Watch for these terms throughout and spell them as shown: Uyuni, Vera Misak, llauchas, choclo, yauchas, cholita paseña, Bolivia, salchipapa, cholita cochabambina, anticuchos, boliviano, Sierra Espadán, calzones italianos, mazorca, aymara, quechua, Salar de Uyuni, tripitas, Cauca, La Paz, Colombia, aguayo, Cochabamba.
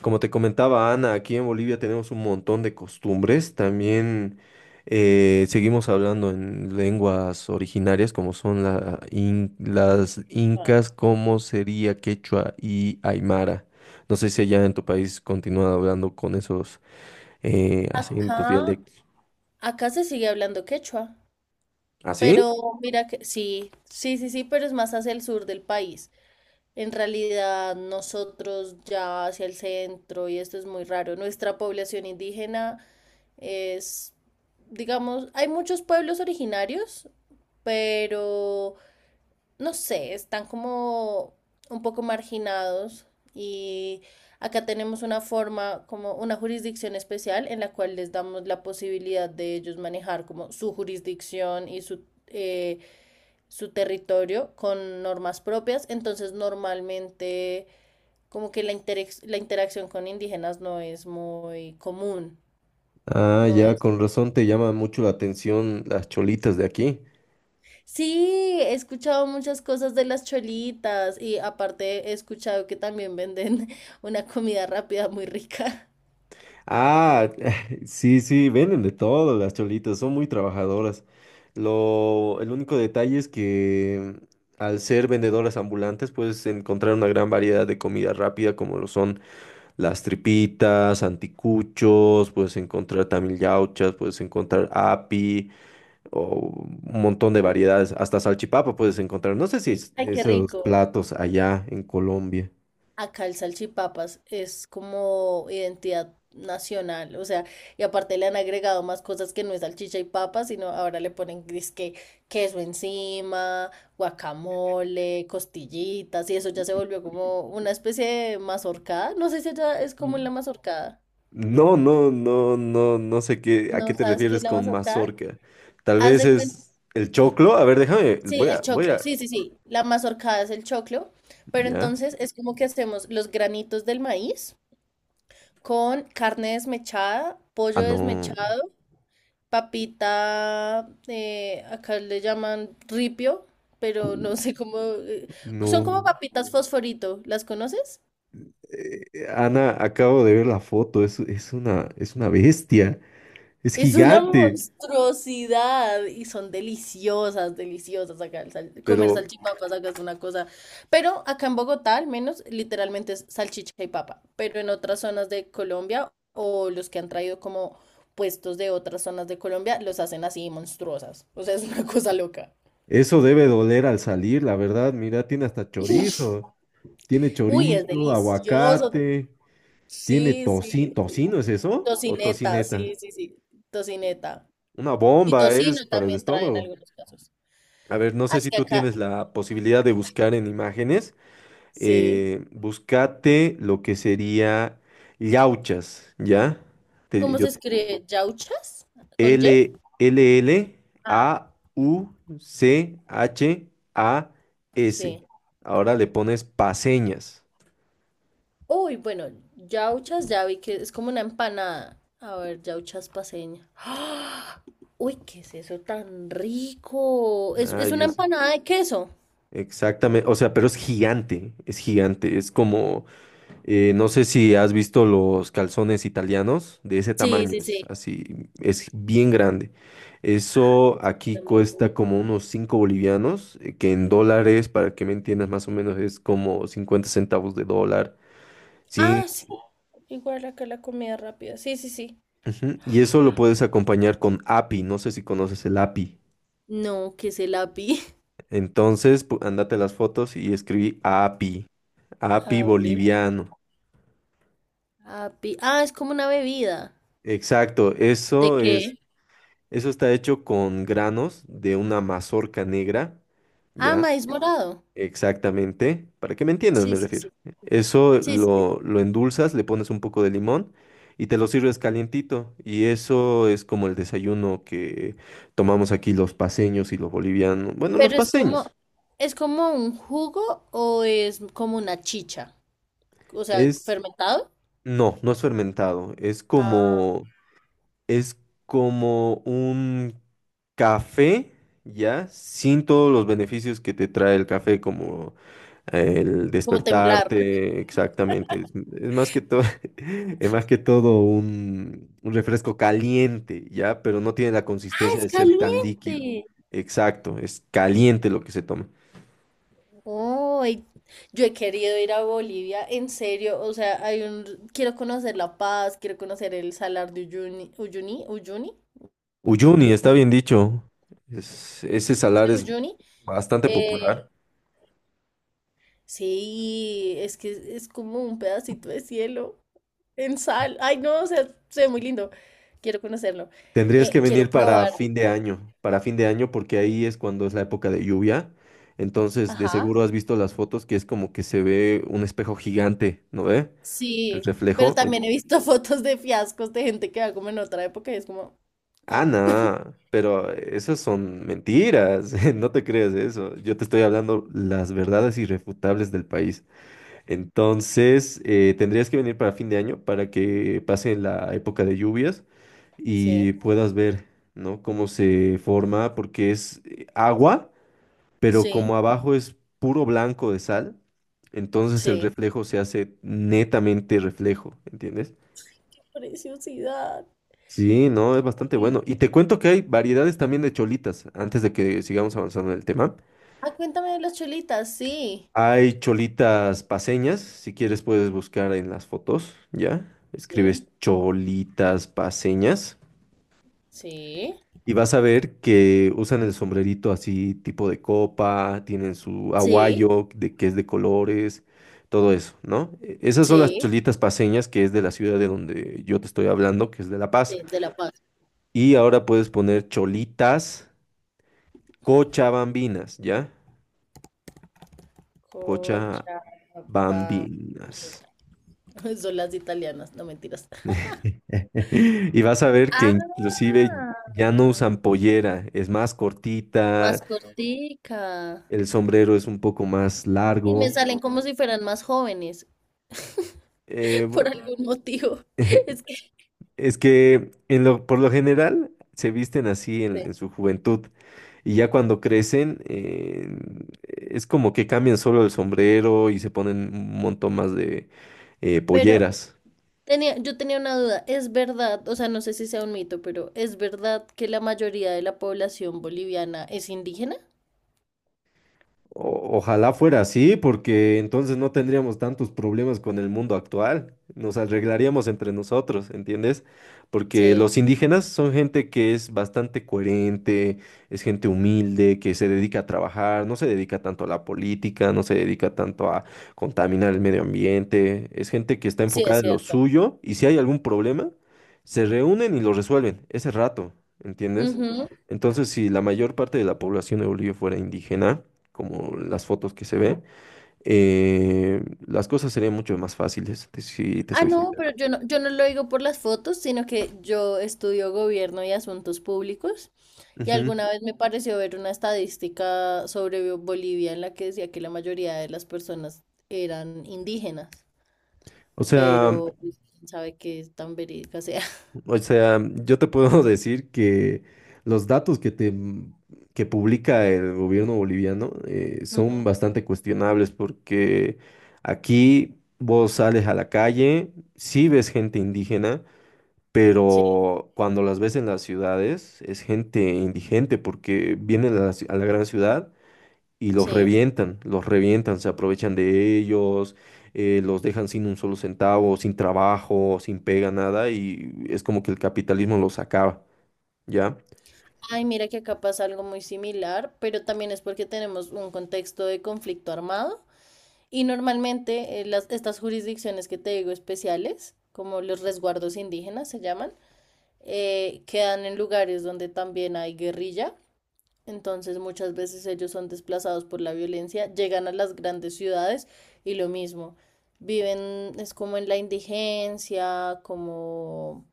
Como te comentaba Ana, aquí en Bolivia tenemos un montón de costumbres. También seguimos hablando en lenguas originarias como son las incas, como sería quechua y aymara. No sé si allá en tu país continúan hablando con esos acentos, Acá, dialectos. acá se sigue hablando quechua, ¿Así? pero mira que sí, sí, sí, sí, pero es más hacia el sur del país. En realidad, nosotros ya hacia el centro, y esto es muy raro, nuestra población indígena es, digamos, hay muchos pueblos originarios, pero no sé, están como un poco marginados y acá tenemos una forma, como una jurisdicción especial en la cual les damos la posibilidad de ellos manejar como su jurisdicción y su, su territorio con normas propias. Entonces normalmente como que la interacción con indígenas no es muy común, Ah, no ya, es. con razón te llama mucho la atención las cholitas de aquí. Sí, he escuchado muchas cosas de las cholitas y aparte he escuchado que también venden una comida rápida muy rica. Ah, sí, sí, venden de todo las cholitas, son muy trabajadoras. El único detalle es que al ser vendedoras ambulantes puedes encontrar una gran variedad de comida rápida como lo son las tripitas, anticuchos, puedes encontrar también yauchas, puedes encontrar api o un montón de variedades, hasta salchipapa puedes encontrar. No sé si Ay, qué esos rico. platos allá en Colombia. Acá el salchipapas es como identidad nacional, o sea, y aparte le han agregado más cosas que no es salchicha y papas, sino ahora le ponen que queso encima, guacamole, costillitas, y eso ya se volvió como una especie de mazorcada. No sé si allá es como en la mazorcada. No, no, no, no, no sé qué, a qué ¿No te sabes qué es refieres la con mazorcada? mazorca. Tal Haz vez de cuenta, es el choclo. A ver, déjame, sí, el voy choclo, a, sí, sí, sí, la mazorcada es el choclo, pero ¿ya? entonces es como que hacemos los granitos del maíz con carne desmechada, Ah, pollo no. desmechado, papita, acá le llaman ripio, pero Uy, no sé cómo, son como no. papitas fosforito, ¿las conoces? Ana, acabo de ver la foto, es una bestia, es Es una gigante, monstruosidad y son deliciosas, deliciosas acá. Comer pero salchipapas acá es una cosa. Pero acá en Bogotá, al menos, literalmente es salchicha y papa. Pero en otras zonas de Colombia o los que han traído como puestos de otras zonas de Colombia, los hacen así monstruosas. O sea, es una cosa loca. eso debe doler al salir, la verdad. Mira, tiene Uy, es chorizo, delicioso. aguacate, tiene Sí, sí, tocino. sí. ¿Tocino es eso? ¿O Tocineta, tocineta? sí, sí, sí. Tocineta. Una Y bomba es tocino para el también traen en estómago. algunos casos. A ver, no Ah, sé es si que tú acá, tienes la posibilidad de buscar en imágenes. sí. Búscate lo que sería llauchas, ¿ya? Te- ¿Cómo yo- se escribe? ¿Yauchas? ¿Con Y? L, L, L, Ah, A, U, C, H, A, S. sí. Ahora le pones paseñas. Uy, bueno, yauchas ya vi que es como una empanada. A ver, yauchas paseña. ¡Ah! Uy, ¿qué es eso tan rico? Ah, Es una yo sé. empanada de queso? Exactamente. O sea, pero es gigante. Es gigante. Es como. No sé si has visto los calzones italianos, de ese Sí, tamaño sí, es sí. así, es bien grande. Eso aquí cuesta como unos 5 bolivianos, que en dólares, para que me entiendas más o menos, es como 50 centavos de dólar. Ah, Sí, sí. Igual acá la comida rápida. Sí, sí, sí. ujú. Y eso lo puedes acompañar con api, no sé si conoces el api. No, ¿qué es el api? Entonces, andate las fotos y escribí api, api A ver, boliviano. api. Ah, es como una bebida. Exacto, ¿De eso es. qué? Eso está hecho con granos de una mazorca negra, Ah, ¿ya? maíz morado. Exactamente. Para que me entiendas, me Sí, sí, refiero. sí. Sí, sí, sí. Lo endulzas, le pones un poco de limón y te lo sirves calientito. Y eso es como el desayuno que tomamos aquí los paceños y los bolivianos. Bueno, los Pero paceños. ¿es como un jugo o es como una chicha? O sea, Es, fermentado. no, no es fermentado. Es Ah, como. Es como un café, ¿ya? Sin todos los beneficios que te trae el café, como el como temblar. despertarte, exactamente. Es más que todo, es más que todo un refresco caliente, ¿ya? Pero no tiene la Ah, consistencia es de ser tan líquido. caliente. Exacto, es caliente lo que se toma. Oh, yo he querido ir a Bolivia, en serio. O sea, hay un, quiero conocer La Paz, quiero conocer el Salar de Uyuni, Uyuni, Uyuni, Uyuni, Uyu- está bien dicho. Ese sí, salar es Uyuni. bastante Eh, popular. sí, es que es como un pedacito de cielo. En sal. Ay, no, o sea, se ve muy lindo. Quiero conocerlo. Tendrías que venir Quiero para probar. fin de año, para fin de año porque ahí es cuando es la época de lluvia. Entonces, de Ajá. seguro has visto las fotos que es como que se ve un espejo gigante, ¿no ve? El Sí, pero reflejo. en- también he visto fotos de fiascos de gente que va como en otra época y es como, Ah, ah, no, pero esas son mentiras, no te creas eso. Yo te estoy hablando las verdades irrefutables del país. Entonces, tendrías que venir para fin de año para que pase la época de lluvias sí, y puedas ver, ¿no? Cómo se forma, porque es agua, pero sí, como abajo es puro blanco de sal, entonces el sí. reflejo se hace netamente reflejo, ¿entiendes? Preciosidad. Sí, no, es bastante bueno. Y te cuento que hay variedades también de cholitas, antes de que sigamos avanzando en el tema. Ah, cuéntame de las chulitas. Sí, Hay cholitas paseñas, si quieres puedes buscar en las fotos, ¿ya? Escribes sí, cholitas paseñas. sí, Y vas a ver que usan el sombrerito así, tipo de copa, tienen su sí, aguayo, de, que es de colores, todo eso, ¿no? Esas son las sí, cholitas paseñas, que es de la ciudad de donde yo te estoy hablando, que es de La Paz. sí, de La Paz. Y ahora puedes poner cholitas cochabambinas, ¿ya? Cochabambinas. Cochabamba. Son las italianas, no mentiras. Y vas a ver que inclusive ya no Ah, usan pollera, es más más cortita, cortica. el sombrero es un poco más Y me largo. salen como si fueran más jóvenes, por algún motivo. eh, Es que, Es que por lo general se visten así sí. En su juventud y ya cuando crecen es como que cambian solo el sombrero y se ponen un montón más de Pero polleras. tenía, yo tenía una duda. Es verdad, o sea, no sé si sea un mito, pero ¿es verdad que la mayoría de la población boliviana es indígena? Ojalá fuera así, porque entonces no tendríamos tantos problemas con el mundo actual. Nos arreglaríamos entre nosotros, ¿entiendes? Porque Sí, los indígenas son gente que es bastante coherente, es gente humilde, que se dedica a trabajar, no se dedica tanto a la política, no se dedica tanto a contaminar el medio ambiente. Es gente que está sí, enfocada es en lo cierto. suyo y si hay algún problema, se reúnen y lo resuelven ese rato, ¿entiendes? Entonces, si la mayor parte de la población de Bolivia fuera indígena, como las fotos que se ve, las cosas serían mucho más fáciles, si te Ah, soy no, sincero. pero yo no, yo no lo digo por las fotos, sino que yo estudio gobierno y asuntos públicos. Y Ujú. alguna vez me pareció ver una estadística sobre Bolivia en la que decía que la mayoría de las personas eran indígenas, O sea, pero pues, quién sabe qué tan verídica sea. o sea, yo te puedo decir que los datos que te que publica el gobierno boliviano son Ujú, bastante cuestionables porque aquí vos sales a la calle, sí ves gente indígena, sí, pero cuando las ves en las ciudades es gente indigente porque vienen a a la gran ciudad y sí. Los revientan, se aprovechan de ellos, los dejan sin un solo centavo, sin trabajo, sin pega, nada, y es como que el capitalismo los acaba, ¿ya? Ay, mira que acá pasa algo muy similar, pero también es porque tenemos un contexto de conflicto armado y normalmente las, estas jurisdicciones que te digo especiales, como los resguardos indígenas se llaman, quedan en lugares donde también hay guerrilla, entonces muchas veces ellos son desplazados por la violencia, llegan a las grandes ciudades y lo mismo, viven es como en la indigencia, como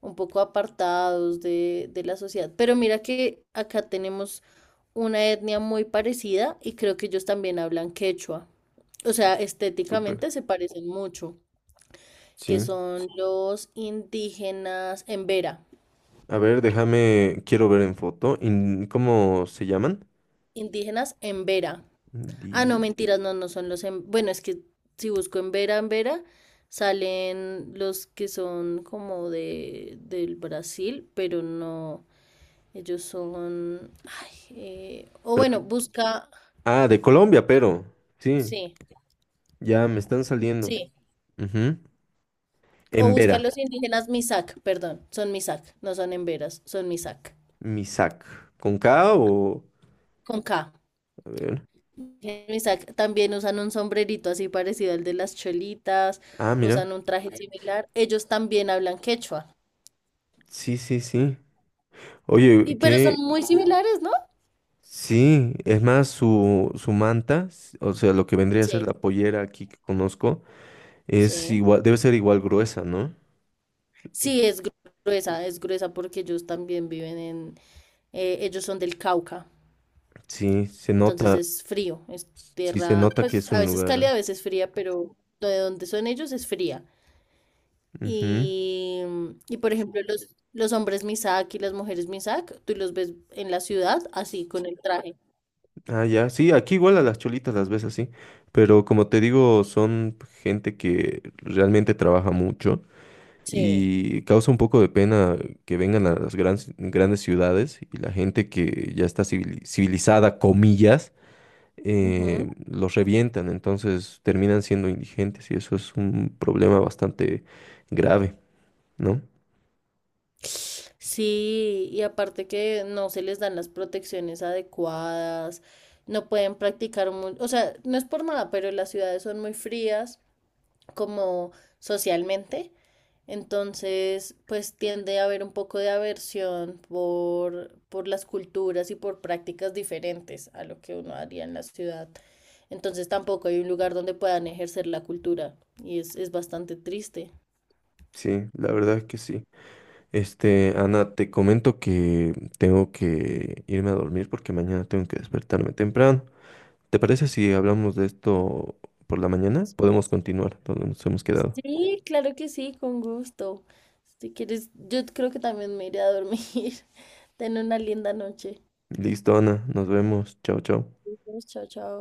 un poco apartados de la sociedad. Pero mira que acá tenemos una etnia muy parecida y creo que ellos también hablan quechua. O sea, Súper. estéticamente se parecen mucho, que Sí. son los indígenas en A ver, déjame, quiero ver en foto, ¿cómo se llaman? Indígenas en Vera. Ah, Indi- no, mentiras, no, no son los en... Bueno, es que si busco en Vera, salen los que son como de, del Brasil, pero no, ellos son... ay, o pero bueno, de- busca... ah, de Colombia, pero, sí, Sí, ya me están saliendo. sí. Ujú. O En busca Vera. los indígenas Misak, perdón, son Misak, no son en Veras, son Misak, Misak, ¿con K o...? con K. A ver. Misak también usan un sombrerito así parecido al de las cholitas, Ah, mira. usan un traje similar. Ellos también hablan quechua. Sí, sí, sí. Y Oye, pero son qué. muy similares, ¿no? Sí, es más, su manta, o sea, lo que vendría a ser Sí, la pollera aquí que conozco, es sí. igual, debe ser igual gruesa, ¿no? Sí, gruesa, es gruesa porque ellos también viven en, ellos son del Cauca, Sí, se entonces nota, es frío, es sí se tierra, nota que pues es a un veces cálida, lugar. a veces fría, pero de donde son ellos es fría. Ujú. Y, y por ejemplo, los hombres Misak y las mujeres Misak, tú los ves en la ciudad así, con el traje. Ah, ya, sí, aquí igual a las cholitas las ves así, pero como te digo, son gente que realmente trabaja mucho Sí. y causa un poco de pena que vengan a grandes ciudades y la gente que ya está civilizada, comillas, los revientan, entonces terminan siendo indigentes y eso es un problema bastante grave, ¿no? Sí, y aparte que no se les dan las protecciones adecuadas, no pueden practicar mucho, o sea, no es por nada, pero las ciudades son muy frías como socialmente, entonces pues tiende a haber un poco de aversión por las culturas y por prácticas diferentes a lo que uno haría en la ciudad. Entonces tampoco hay un lugar donde puedan ejercer la cultura y es bastante triste. Sí, la verdad es que sí. Este, Ana, te comento que tengo que irme a dormir porque mañana tengo que despertarme temprano. ¿Te parece si hablamos de esto por la mañana? Podemos continuar donde nos hemos quedado. Sí, claro que sí, con gusto. Si quieres, yo creo que también me iré a dormir. Ten una linda noche. Listo, Ana, nos vemos. Chao, chao. Chao, chao.